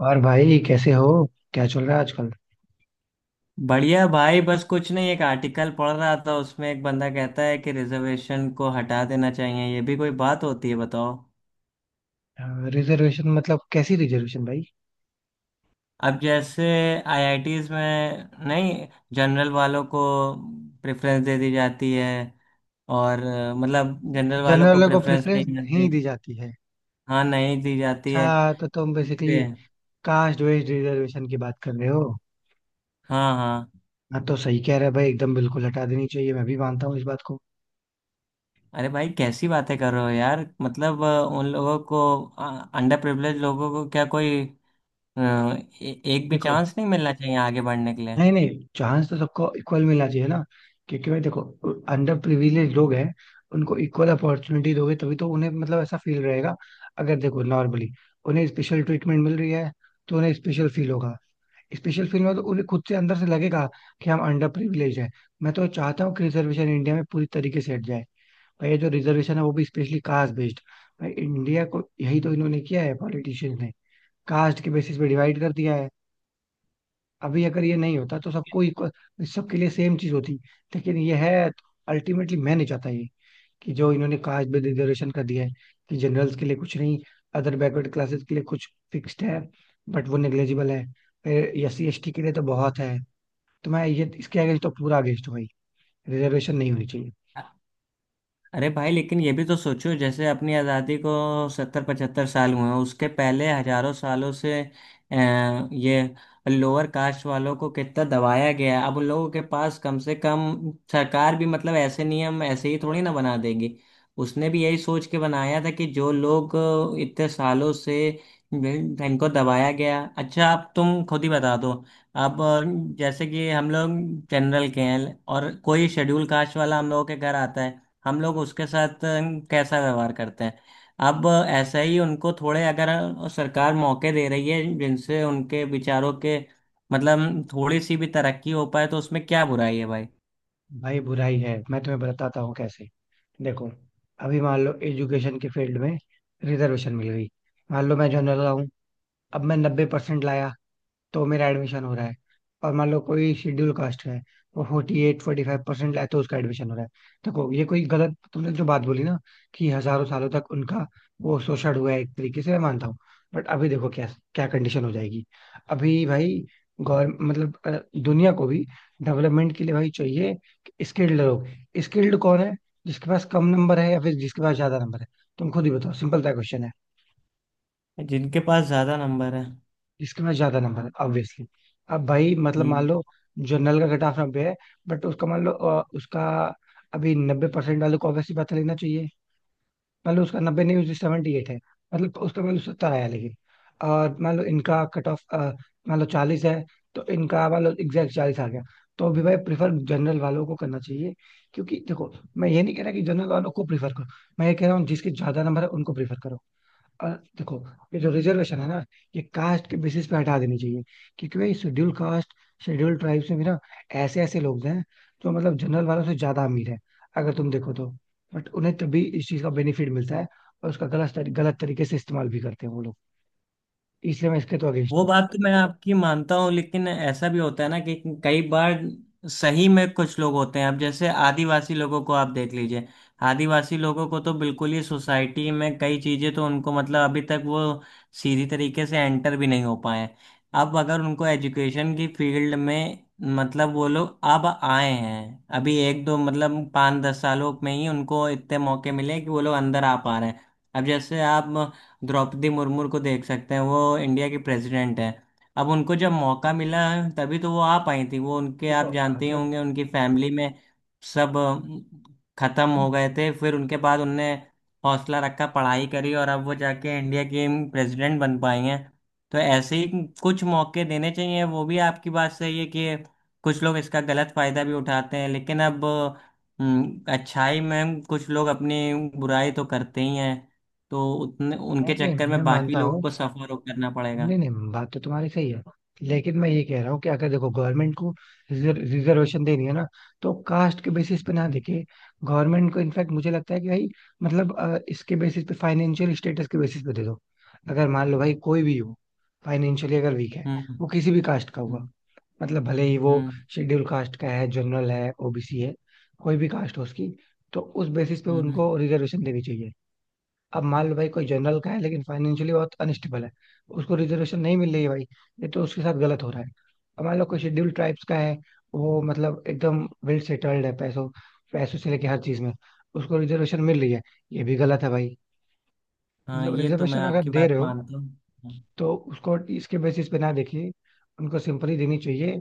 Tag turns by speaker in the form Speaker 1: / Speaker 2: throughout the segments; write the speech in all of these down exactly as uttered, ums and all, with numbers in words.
Speaker 1: और भाई कैसे हो? क्या चल रहा है आजकल?
Speaker 2: बढ़िया भाई। बस कुछ नहीं, एक आर्टिकल पढ़ रहा था उसमें एक बंदा कहता है कि रिजर्वेशन को हटा देना चाहिए। ये भी कोई बात होती है, बताओ।
Speaker 1: रिजर्वेशन मतलब कैसी रिजर्वेशन भाई?
Speaker 2: अब जैसे आईआईटीज में नहीं, जनरल वालों को प्रेफरेंस दे दी जाती है और अ, मतलब जनरल वालों को
Speaker 1: जनरल को
Speaker 2: प्रेफरेंस
Speaker 1: प्रेफरेंस
Speaker 2: नहीं
Speaker 1: नहीं
Speaker 2: मिलती।
Speaker 1: दी जाती है।
Speaker 2: हाँ, नहीं दी जाती है।
Speaker 1: अच्छा तो तुम बेसिकली
Speaker 2: इसलिए।
Speaker 1: कास्ट वेज रिजर्वेशन की बात कर रहे हो।
Speaker 2: हाँ हाँ।
Speaker 1: हाँ तो सही कह रहे हो भाई, एकदम बिल्कुल हटा देनी चाहिए, मैं भी मानता हूँ इस बात को।
Speaker 2: अरे भाई, कैसी बातें कर रहे हो यार, मतलब अ, उन लोगों को, अंडर प्रिविलेज लोगों को क्या कोई अ, ए, एक भी
Speaker 1: देखो,
Speaker 2: चांस नहीं मिलना चाहिए आगे बढ़ने के लिए।
Speaker 1: नहीं नहीं, चांस तो सबको इक्वल मिलना चाहिए ना। क्योंकि भाई देखो, अंडर प्रिविलेज लोग हैं, उनको इक्वल अपॉर्चुनिटी दोगे तभी तो उन्हें मतलब ऐसा फील रहेगा। अगर देखो नॉर्मली उन्हें स्पेशल ट्रीटमेंट मिल रही है तो उन्हें स्पेशल फील होगा। स्पेशल फील में तो उन्हें खुद से अंदर से लगेगा कि हम अंडर प्रिविलेज है। मैं तो चाहता हूँ कि रिजर्वेशन इंडिया में पूरी तरीके से हट जाए। भाई ये जो रिजर्वेशन है वो भी स्पेशली कास्ट बेस्ड। भाई इंडिया को यही तो इन्होंने किया है पॉलिटिशियंस ने, कास्ट के बेसिस पे डिवाइड कर दिया है। अभी अगर ये नहीं होता तो सबको equal- सबके लिए सेम चीज होती, लेकिन ये है। अल्टीमेटली मैं नहीं चाहता ये कि जो इन्होंने कास्ट बेस्ड रिजर्वेशन कर दिया है, कि जनरल्स के लिए कुछ नहीं, अदर बैकवर्ड क्लासेस के लिए कुछ फिक्स्ड है बट वो निग्लेजिबल है, फिर एस सी एस टी के लिए तो बहुत है। तो मैं ये इसके अगेंस्ट तो पूरा अगेंस्ट हूँ भाई, रिजर्वेशन नहीं होनी चाहिए।
Speaker 2: अरे भाई, लेकिन ये भी तो सोचो, जैसे अपनी आज़ादी को सत्तर पचहत्तर साल हुए हैं, उसके पहले हजारों सालों से अ, ये लोअर कास्ट वालों को कितना दबाया गया है। अब उन लोगों के पास कम से कम, सरकार भी मतलब ऐसे नियम ऐसे ही थोड़ी ना बना देगी। उसने भी यही सोच के बनाया था कि जो लोग अ, इतने सालों से वे- इनको दबाया गया। अच्छा अब तुम खुद ही बता दो। अब अ, जैसे कि हम लोग जनरल के हैं और कोई शेड्यूल कास्ट वाला हम लोगों के घर आता है, हम लोग उसके साथ अ, कैसा व्यवहार करते हैं। अब ऐसा ही उनको थोड़े, अगर सरकार मौके दे रही है जिनसे उनके विचारों के मतलब थोड़ी सी भी तरक्की हो पाए, तो उसमें क्या बुराई है भाई।
Speaker 1: भाई बुराई है, मैं तुम्हें बताता हूँ कैसे। देखो, अभी मान लो एजुकेशन के फील्ड में रिजर्वेशन मिल गई। मान लो मैं जनरल रहा हूँ, अब मैं नब्बे परसेंट लाया तो मेरा एडमिशन हो रहा है, और मान लो कोई शेड्यूल कास्ट है, वो forty eight forty five percent लाए तो उसका एडमिशन हो रहा है। देखो ये कोई गलत, तुमने जो बात बोली ना कि हजारों सालों तक उनका वो शोषण हुआ है, एक तरीके से मैं मानता हूँ। बट अभी देखो क्या क्या कंडीशन हो जाएगी। अभी भाई गौर मतलब अ, दुनिया को भी डेवलपमेंट के लिए भाई चाहिए स्किल्ड लोग। स्किल्ड कौन है, जिसके पास कम नंबर है या फिर जिसके पास ज्यादा नंबर है? तुम खुद ही बताओ, सिंपल सा क्वेश्चन है।
Speaker 2: जिनके पास ज्यादा नंबर है।
Speaker 1: जिसके पास ज्यादा नंबर है ऑब्वियसली। अब भाई मतलब मान
Speaker 2: हम्म।
Speaker 1: लो जनरल का कट ऑफ नब्बे है, बट उसका मान लो अ, उसका, अभी नब्बे परसेंट वालों को ऑब्वियसली पता लेना चाहिए। मान लो उसका नब्बे नहीं उसकी सेवेंटी एट है, मतलब उसका मान लो सत्तर आया लेकिन, और मान लो इनका कट ऑफ मान लो चालीस है, तो इनका मान लो एग्जैक्ट चालीस आ गया। तो अभी भाई प्रीफर जनरल वालों को करना चाहिए। क्योंकि देखो, मैं ये नहीं कह रहा कि जनरल वालों को प्रीफर करो, मैं ये कह रहा हूँ जिसके ज्यादा नंबर है उनको प्रीफर करो। और देखो, ये जो रिजर्वेशन है ना, ये कास्ट के बेसिस पे हटा देनी चाहिए। क्योंकि भाई शेड्यूल कास्ट, शेड्यूल ट्राइब्स में भी ना ऐसे ऐसे लोग हैं जो मतलब जनरल वालों से ज्यादा अमीर है, अगर तुम देखो तो। बट उन्हें तभी इस चीज का बेनिफिट मिलता है, और उसका गलत तरी- गलत तरीके से इस्तेमाल भी करते हैं वो लोग। इसलिए मैं इसके तो अगेंस्ट
Speaker 2: वो
Speaker 1: हूँ।
Speaker 2: बात तो मैं आपकी मानता हूँ, लेकिन ऐसा भी होता है ना कि कई बार सही में कुछ लोग होते हैं। अब जैसे आदिवासी लोगों को आप देख लीजिए। आदिवासी लोगों को तो बिल्कुल ही सोसाइटी में, कई चीज़ें तो उनको मतलब अभी तक वो सीधी तरीके से एंटर भी नहीं हो पाए हैं। अब अगर उनको एजुकेशन की फील्ड में, मतलब वो लोग अब आए हैं, अभी एक दो, मतलब पाँच दस सालों में ही उनको इतने मौके मिले कि वो लोग अंदर आ पा रहे हैं। अब जैसे आप द्रौपदी मुर्मू को देख सकते हैं, वो इंडिया की प्रेसिडेंट है। अब उनको जब मौका मिला है तभी तो वो आ पाई थी, वो उनके,
Speaker 1: देखो,
Speaker 2: आप जानते ही
Speaker 1: अगर,
Speaker 2: होंगे, उनकी फैमिली में सब अ, खत्म
Speaker 1: नहीं
Speaker 2: हो गए थे, फिर उनके बाद उनने हौसला रखा, पढ़ाई करी और अब वो जाके इंडिया की प्रेसिडेंट बन पाई हैं। तो ऐसे ही कुछ मौके देने चाहिए। वो भी आपकी बात सही है कि कुछ लोग इसका गलत फायदा भी उठाते हैं, लेकिन अब अ, अच्छाई में कुछ लोग अपनी बुराई तो करते ही हैं, तो उतने उनके
Speaker 1: नहीं
Speaker 2: चक्कर
Speaker 1: मैं
Speaker 2: में बाकी
Speaker 1: मानता
Speaker 2: लोगों
Speaker 1: हूँ,
Speaker 2: को सफर करना
Speaker 1: नहीं
Speaker 2: पड़ेगा।
Speaker 1: नहीं बात तो तुम्हारी सही है। लेकिन मैं ये कह रहा हूँ कि अगर देखो गवर्नमेंट को रिजर्वेशन देनी है ना तो कास्ट के बेसिस पे ना
Speaker 2: हम्म।
Speaker 1: देखे। गवर्नमेंट को इनफैक्ट मुझे लगता है कि भाई मतलब अ, इसके बेसिस पे, फाइनेंशियल स्टेटस के बेसिस पे दे दो। अगर मान लो भाई कोई भी हो, फाइनेंशियली अगर वीक है,
Speaker 2: हम्म।
Speaker 1: वो किसी भी कास्ट का हुआ,
Speaker 2: हम्म।
Speaker 1: मतलब भले ही वो
Speaker 2: हम्म,
Speaker 1: शेड्यूल कास्ट का है, जनरल है, ओबीसी है, कोई भी कास्ट हो उसकी, तो उस बेसिस पे
Speaker 2: हम्म।
Speaker 1: उनको रिजर्वेशन देनी चाहिए। अब मान लो भाई कोई जनरल का है लेकिन फाइनेंशियली बहुत अनस्टेबल है, उसको रिजर्वेशन नहीं मिल रही है भाई, ये तो उसके साथ गलत हो रहा है। अब मान लो कोई शेड्यूल्ड ट्राइब्स का है, वो मतलब एकदम वेल सेटल्ड है, पैसों पैसों से लेके हर चीज में, उसको रिजर्वेशन मिल रही है, ये भी गलत है भाई।
Speaker 2: हाँ,
Speaker 1: मतलब
Speaker 2: ये तो मैं
Speaker 1: रिजर्वेशन अगर
Speaker 2: आपकी
Speaker 1: दे
Speaker 2: बात
Speaker 1: रहे हो
Speaker 2: मानता हूँ।
Speaker 1: तो उसको इसके बेसिस पे ना देखिए, उनको सिंपली देनी चाहिए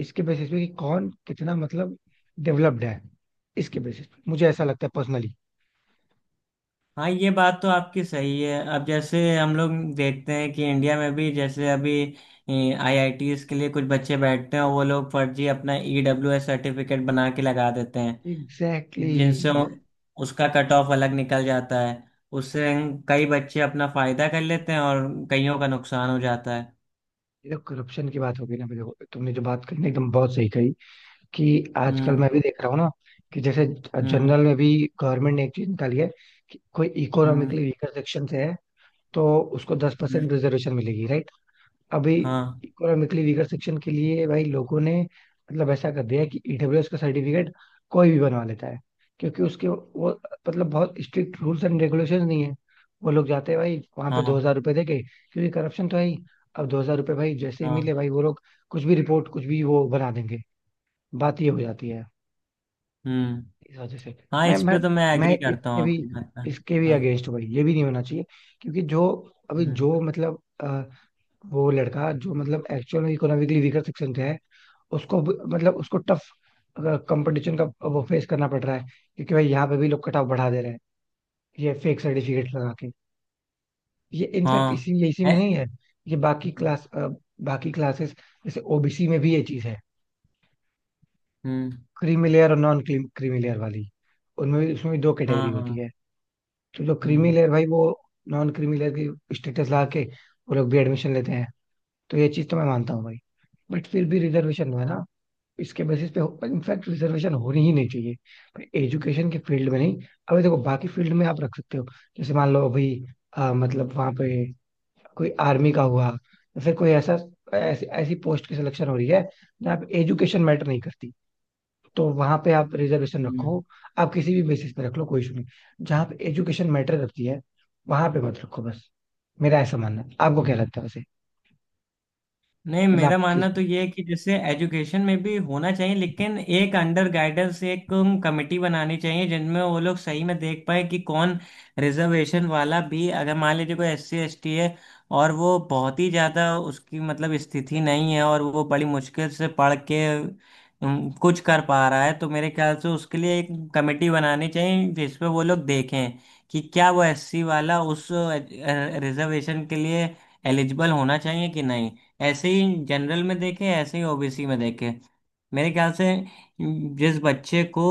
Speaker 1: इसके बेसिस पे कि कौन कितना मतलब डेवलप्ड है। इसके बेसिस पे मुझे ऐसा लगता है पर्सनली।
Speaker 2: हाँ, ये बात तो आपकी सही है। अब जैसे हम लोग देखते हैं कि इंडिया में भी जैसे अभी आईआईटीज के लिए कुछ बच्चे बैठते हैं, वो लोग फर्जी अपना ईडब्ल्यूएस सर्टिफिकेट बना के लगा देते हैं।
Speaker 1: एग्जैक्टली,
Speaker 2: जिनसे
Speaker 1: exactly।
Speaker 2: उ- उसका कट ऑफ अलग निकल जाता है, उससे कई बच्चे अपना फायदा कर लेते हैं और कईयों का नुकसान हो जाता है।
Speaker 1: ये करप्शन की बात हो गई ना। अभी देखो तुमने जो बात कही ना एकदम बहुत सही कही। कि आजकल
Speaker 2: हम्म।
Speaker 1: मैं भी देख रहा हूँ ना कि जैसे जनरल
Speaker 2: हम्म।
Speaker 1: में भी गवर्नमेंट ने एक चीज निकाली है कि कोई
Speaker 2: हम्म।
Speaker 1: इकोनॉमिकली वीकर सेक्शन से है तो उसको दस
Speaker 2: हम्म,
Speaker 1: परसेंट रिजर्वेशन मिलेगी, right? अभी,
Speaker 2: हाँ
Speaker 1: इकोनॉमिकली वीकर सेक्शन के लिए भाई लोगों ने मतलब ऐसा कर दिया है कि ईडब्ल्यूएस का सर्टिफिकेट कोई भी बनवा लेता है, क्योंकि उसके वो मतलब बहुत स्ट्रिक्ट रूल्स एंड रेगुलेशंस नहीं है। वो लोग जाते हैं भाई वहां पे,
Speaker 2: हाँ।
Speaker 1: दो हजार रुपये दे के, क्योंकि करप्शन तो है ही। अब दो हजार रुपये भाई जैसे ही
Speaker 2: हाँ।
Speaker 1: मिले भाई वो लोग कुछ भी रिपोर्ट, कुछ भी वो बना देंगे। बात ये हो जाती है
Speaker 2: हम्म।
Speaker 1: इस वजह से।
Speaker 2: हाँ,
Speaker 1: मैं
Speaker 2: इस
Speaker 1: मैं
Speaker 2: पे तो मैं
Speaker 1: मैं
Speaker 2: एग्री करता हूँ
Speaker 1: इसके भी,
Speaker 2: आपकी बात पर।
Speaker 1: इसके भी
Speaker 2: हाँ।
Speaker 1: अगेंस्ट भाई, ये भी नहीं होना चाहिए। क्योंकि जो, अभी
Speaker 2: हम्म।
Speaker 1: जो मतलब वो लड़का जो मतलब एक्चुअल में इकोनॉमिकली वीकर सेक्शन से है, उसको भी- मतलब उसको टफ कंपटीशन का वो फेस करना पड़ रहा है, क्योंकि भाई यहाँ पे भी लोग कट ऑफ बढ़ा दे रहे हैं ये फेक सर्टिफिकेट लगा के। ये इनफैक्ट
Speaker 2: हाँ।
Speaker 1: इसी ये इसी में
Speaker 2: है।
Speaker 1: नहीं है ये, बाकी
Speaker 2: हम्म।
Speaker 1: क्लास बाकी क्लासेस, जैसे ओबीसी में भी ये चीज है,
Speaker 2: हम्म,
Speaker 1: क्रीमी लेयर और नॉन क्रीमी लेयर वाली, उनमें भी उसमें भी दो कैटेगरी
Speaker 2: हाँ
Speaker 1: होती
Speaker 2: हाँ।
Speaker 1: है। तो जो क्रीमी
Speaker 2: हम्म।
Speaker 1: लेयर भाई वो नॉन क्रीमी लेयर की स्टेटस लगा के वो लोग भी एडमिशन लेते हैं। तो ये चीज तो मैं मानता हूँ भाई। बट फिर भी रिजर्वेशन है ना, इसके बेसिस पे इनफैक्ट रिजर्वेशन होनी ही नहीं चाहिए, पर एजुकेशन के फील्ड में नहीं। अभी देखो बाकी फील्ड में आप रख सकते हो, जैसे मान लो अभी अ, मतलब वहां पे कोई आर्मी का हुआ या फिर कोई ऐसा, ऐसी ऐसी पोस्ट की सिलेक्शन हो रही है जहाँ पे एजुकेशन मैटर नहीं करती, तो वहां पे आप रिजर्वेशन
Speaker 2: हम्म।
Speaker 1: रखो, आप किसी भी बेसिस पे रख लो, कोई इशू नहीं। जहाँ पे एजुकेशन मैटर करती है वहां पे मत रखो बस। मेरा ऐसा मानना है, आपको क्या लगता है वैसे?
Speaker 2: नहीं,
Speaker 1: मतलब
Speaker 2: मेरा
Speaker 1: आप किस,
Speaker 2: मानना तो ये है कि जैसे एजुकेशन में भी होना चाहिए, लेकिन एक अंडर गाइडेंस, एक कमेटी बनानी चाहिए जिनमें वो लोग सही में देख पाए कि कौन रिजर्वेशन वाला भी, अगर मान लीजिए कोई एस सी एस टी है और वो बहुत ही ज़्यादा, उसकी मतलब स्थिति नहीं है, और वो बड़ी मुश्किल से पढ़ के उम, कुछ कर पा रहा है, तो मेरे ख्याल से उसके लिए एक कमेटी बनानी चाहिए जिसपे वो लोग देखें कि क्या वो एस सी वाला उस रिजर्वेशन के लिए एलिजिबल होना चाहिए कि नहीं। ऐसे ही जनरल में देखे, ऐसे ही ओबीसी में देखे। मेरे ख्याल से जिस बच्चे को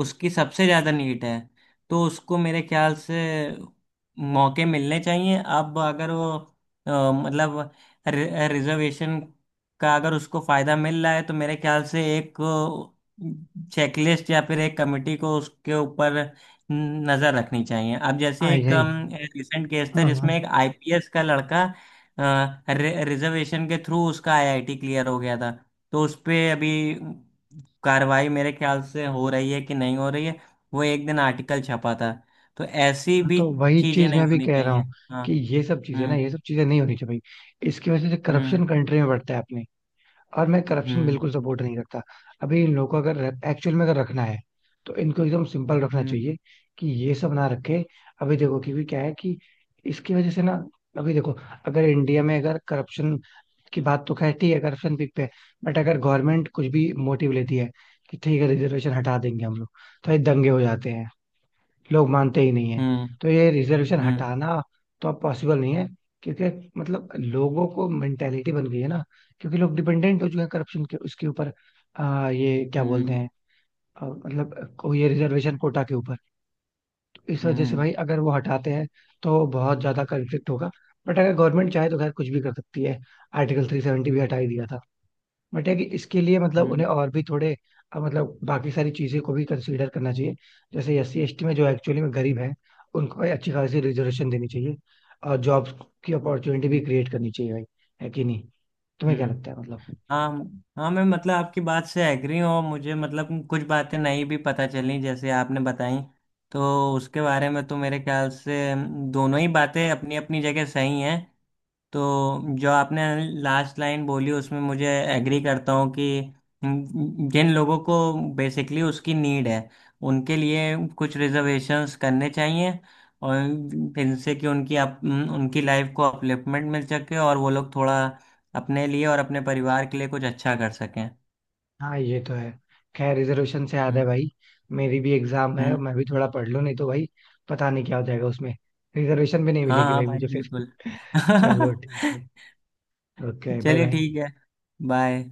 Speaker 2: उसकी सबसे ज़्यादा नीड है, तो उसको मेरे ख्याल से मौके मिलने चाहिए। अब अगर वो अ, मतलब रि, रिजर्वेशन का अगर उसको फ़ायदा मिल रहा है, तो मेरे ख्याल से एक चेकलिस्ट या फिर एक कमेटी को उसके ऊपर नज़र रखनी चाहिए। अब जैसे
Speaker 1: हाँ
Speaker 2: एक
Speaker 1: यही,
Speaker 2: रिसेंट केस था
Speaker 1: हाँ
Speaker 2: जिसमें
Speaker 1: हाँ।
Speaker 2: एक आईपीएस का लड़का, रिजर्वेशन के थ्रू उसका आईआईटी क्लियर हो गया था। तो उस पे अभी कार्रवाई मेरे ख्याल से हो रही है कि नहीं हो रही है, वो एक दिन आर्टिकल छपा था। तो ऐसी
Speaker 1: हाँ,
Speaker 2: भी
Speaker 1: तो वही
Speaker 2: चीजें
Speaker 1: चीज
Speaker 2: नहीं
Speaker 1: मैं भी
Speaker 2: होनी
Speaker 1: कह रहा
Speaker 2: चाहिए।
Speaker 1: हूँ
Speaker 2: हाँ।
Speaker 1: कि ये सब चीजें ना,
Speaker 2: हम्म।
Speaker 1: ये सब चीजें नहीं होनी चाहिए भाई। इसकी वजह से
Speaker 2: हम्म।
Speaker 1: करप्शन कंट्री में बढ़ता है अपने, और मैं करप्शन
Speaker 2: हम्म।
Speaker 1: बिल्कुल सपोर्ट नहीं करता। अभी इन लोगों को अगर एक्चुअल में अगर रखना है तो इनको एकदम सिंपल रखना
Speaker 2: हम्म।
Speaker 1: चाहिए कि ये सब ना रखे। अभी देखो, क्योंकि क्या है कि इसकी वजह से ना, अभी देखो, अगर इंडिया में अगर करप्शन की बात तो खैर ठीक है, करप्शन पीक पे है। बट अगर गवर्नमेंट कुछ भी मोटिव लेती है कि ठीक है रिजर्वेशन हटा देंगे हम लोग, तो ये दंगे हो जाते हैं, लोग मानते ही नहीं है।
Speaker 2: हम्म।
Speaker 1: तो ये रिजर्वेशन
Speaker 2: हम्म।
Speaker 1: हटाना तो अब पॉसिबल नहीं है, क्योंकि मतलब लोगों को मेंटेलिटी बन गई है ना, क्योंकि लोग डिपेंडेंट हो चुके हैं करप्शन के उसके ऊपर। आ, ये क्या बोलते
Speaker 2: हम्म।
Speaker 1: हैं, अ, मतलब को- ये रिजर्वेशन कोटा के ऊपर। तो इस वजह से
Speaker 2: हम्म।
Speaker 1: भाई अगर वो हटाते हैं तो बहुत ज्यादा कंफ्लिक्ट होगा। बट अगर गवर्नमेंट चाहे तो खैर कुछ भी कर सकती है, आर्टिकल थ्री सेवेंटी भी हटा ही दिया था। बट है कि इसके लिए मतलब
Speaker 2: हम्म।
Speaker 1: उन्हें और भी थोड़े अ, मतलब बाकी सारी चीज़ें को भी कंसीडर करना चाहिए। जैसे एस सी एस टी में जो एक्चुअली में गरीब हैं उनको भाई अच्छी खासी रिजर्वेशन देनी चाहिए, और जॉब्स की अपॉर्चुनिटी भी
Speaker 2: हम्म।
Speaker 1: क्रिएट करनी चाहिए भाई। है कि नहीं? तुम्हें क्या
Speaker 2: हम्म।
Speaker 1: लगता है मतलब?
Speaker 2: हाँ। हाँ, मैं मतलब आपकी बात से एग्री हूँ। मुझे मतलब कुछ बातें नहीं भी पता चली, जैसे आपने बताई, तो उसके बारे में तो मेरे ख्याल से दोनों ही बातें अपनी अपनी जगह सही हैं। तो जो आपने लास्ट लाइन बोली उसमें मुझे एग्री करता हूँ कि जिन लोगों को बेसिकली उसकी नीड है, उनके लिए कुछ रिजर्वेशंस करने चाहिए, और इनसे कि उनकी अप, उनकी लाइफ को अपलिफ्टमेंट मिल सके और वो लोग थोड़ा अपने लिए और अपने परिवार के लिए कुछ अच्छा कर सकें।
Speaker 1: हाँ ये तो है। खैर रिजर्वेशन से याद है
Speaker 2: हम्म।
Speaker 1: भाई, मेरी भी एग्जाम है,
Speaker 2: हम्म।
Speaker 1: मैं भी थोड़ा पढ़ लूँ, नहीं तो भाई पता नहीं क्या हो जाएगा उसमें, रिजर्वेशन भी नहीं
Speaker 2: हाँ
Speaker 1: मिलेगी
Speaker 2: हाँ
Speaker 1: भाई
Speaker 2: भाई,
Speaker 1: मुझे फिर।
Speaker 2: बिल्कुल।
Speaker 1: चलो ठीक है। ओके, बाय
Speaker 2: चलिए
Speaker 1: बाय।
Speaker 2: ठीक है। बाय।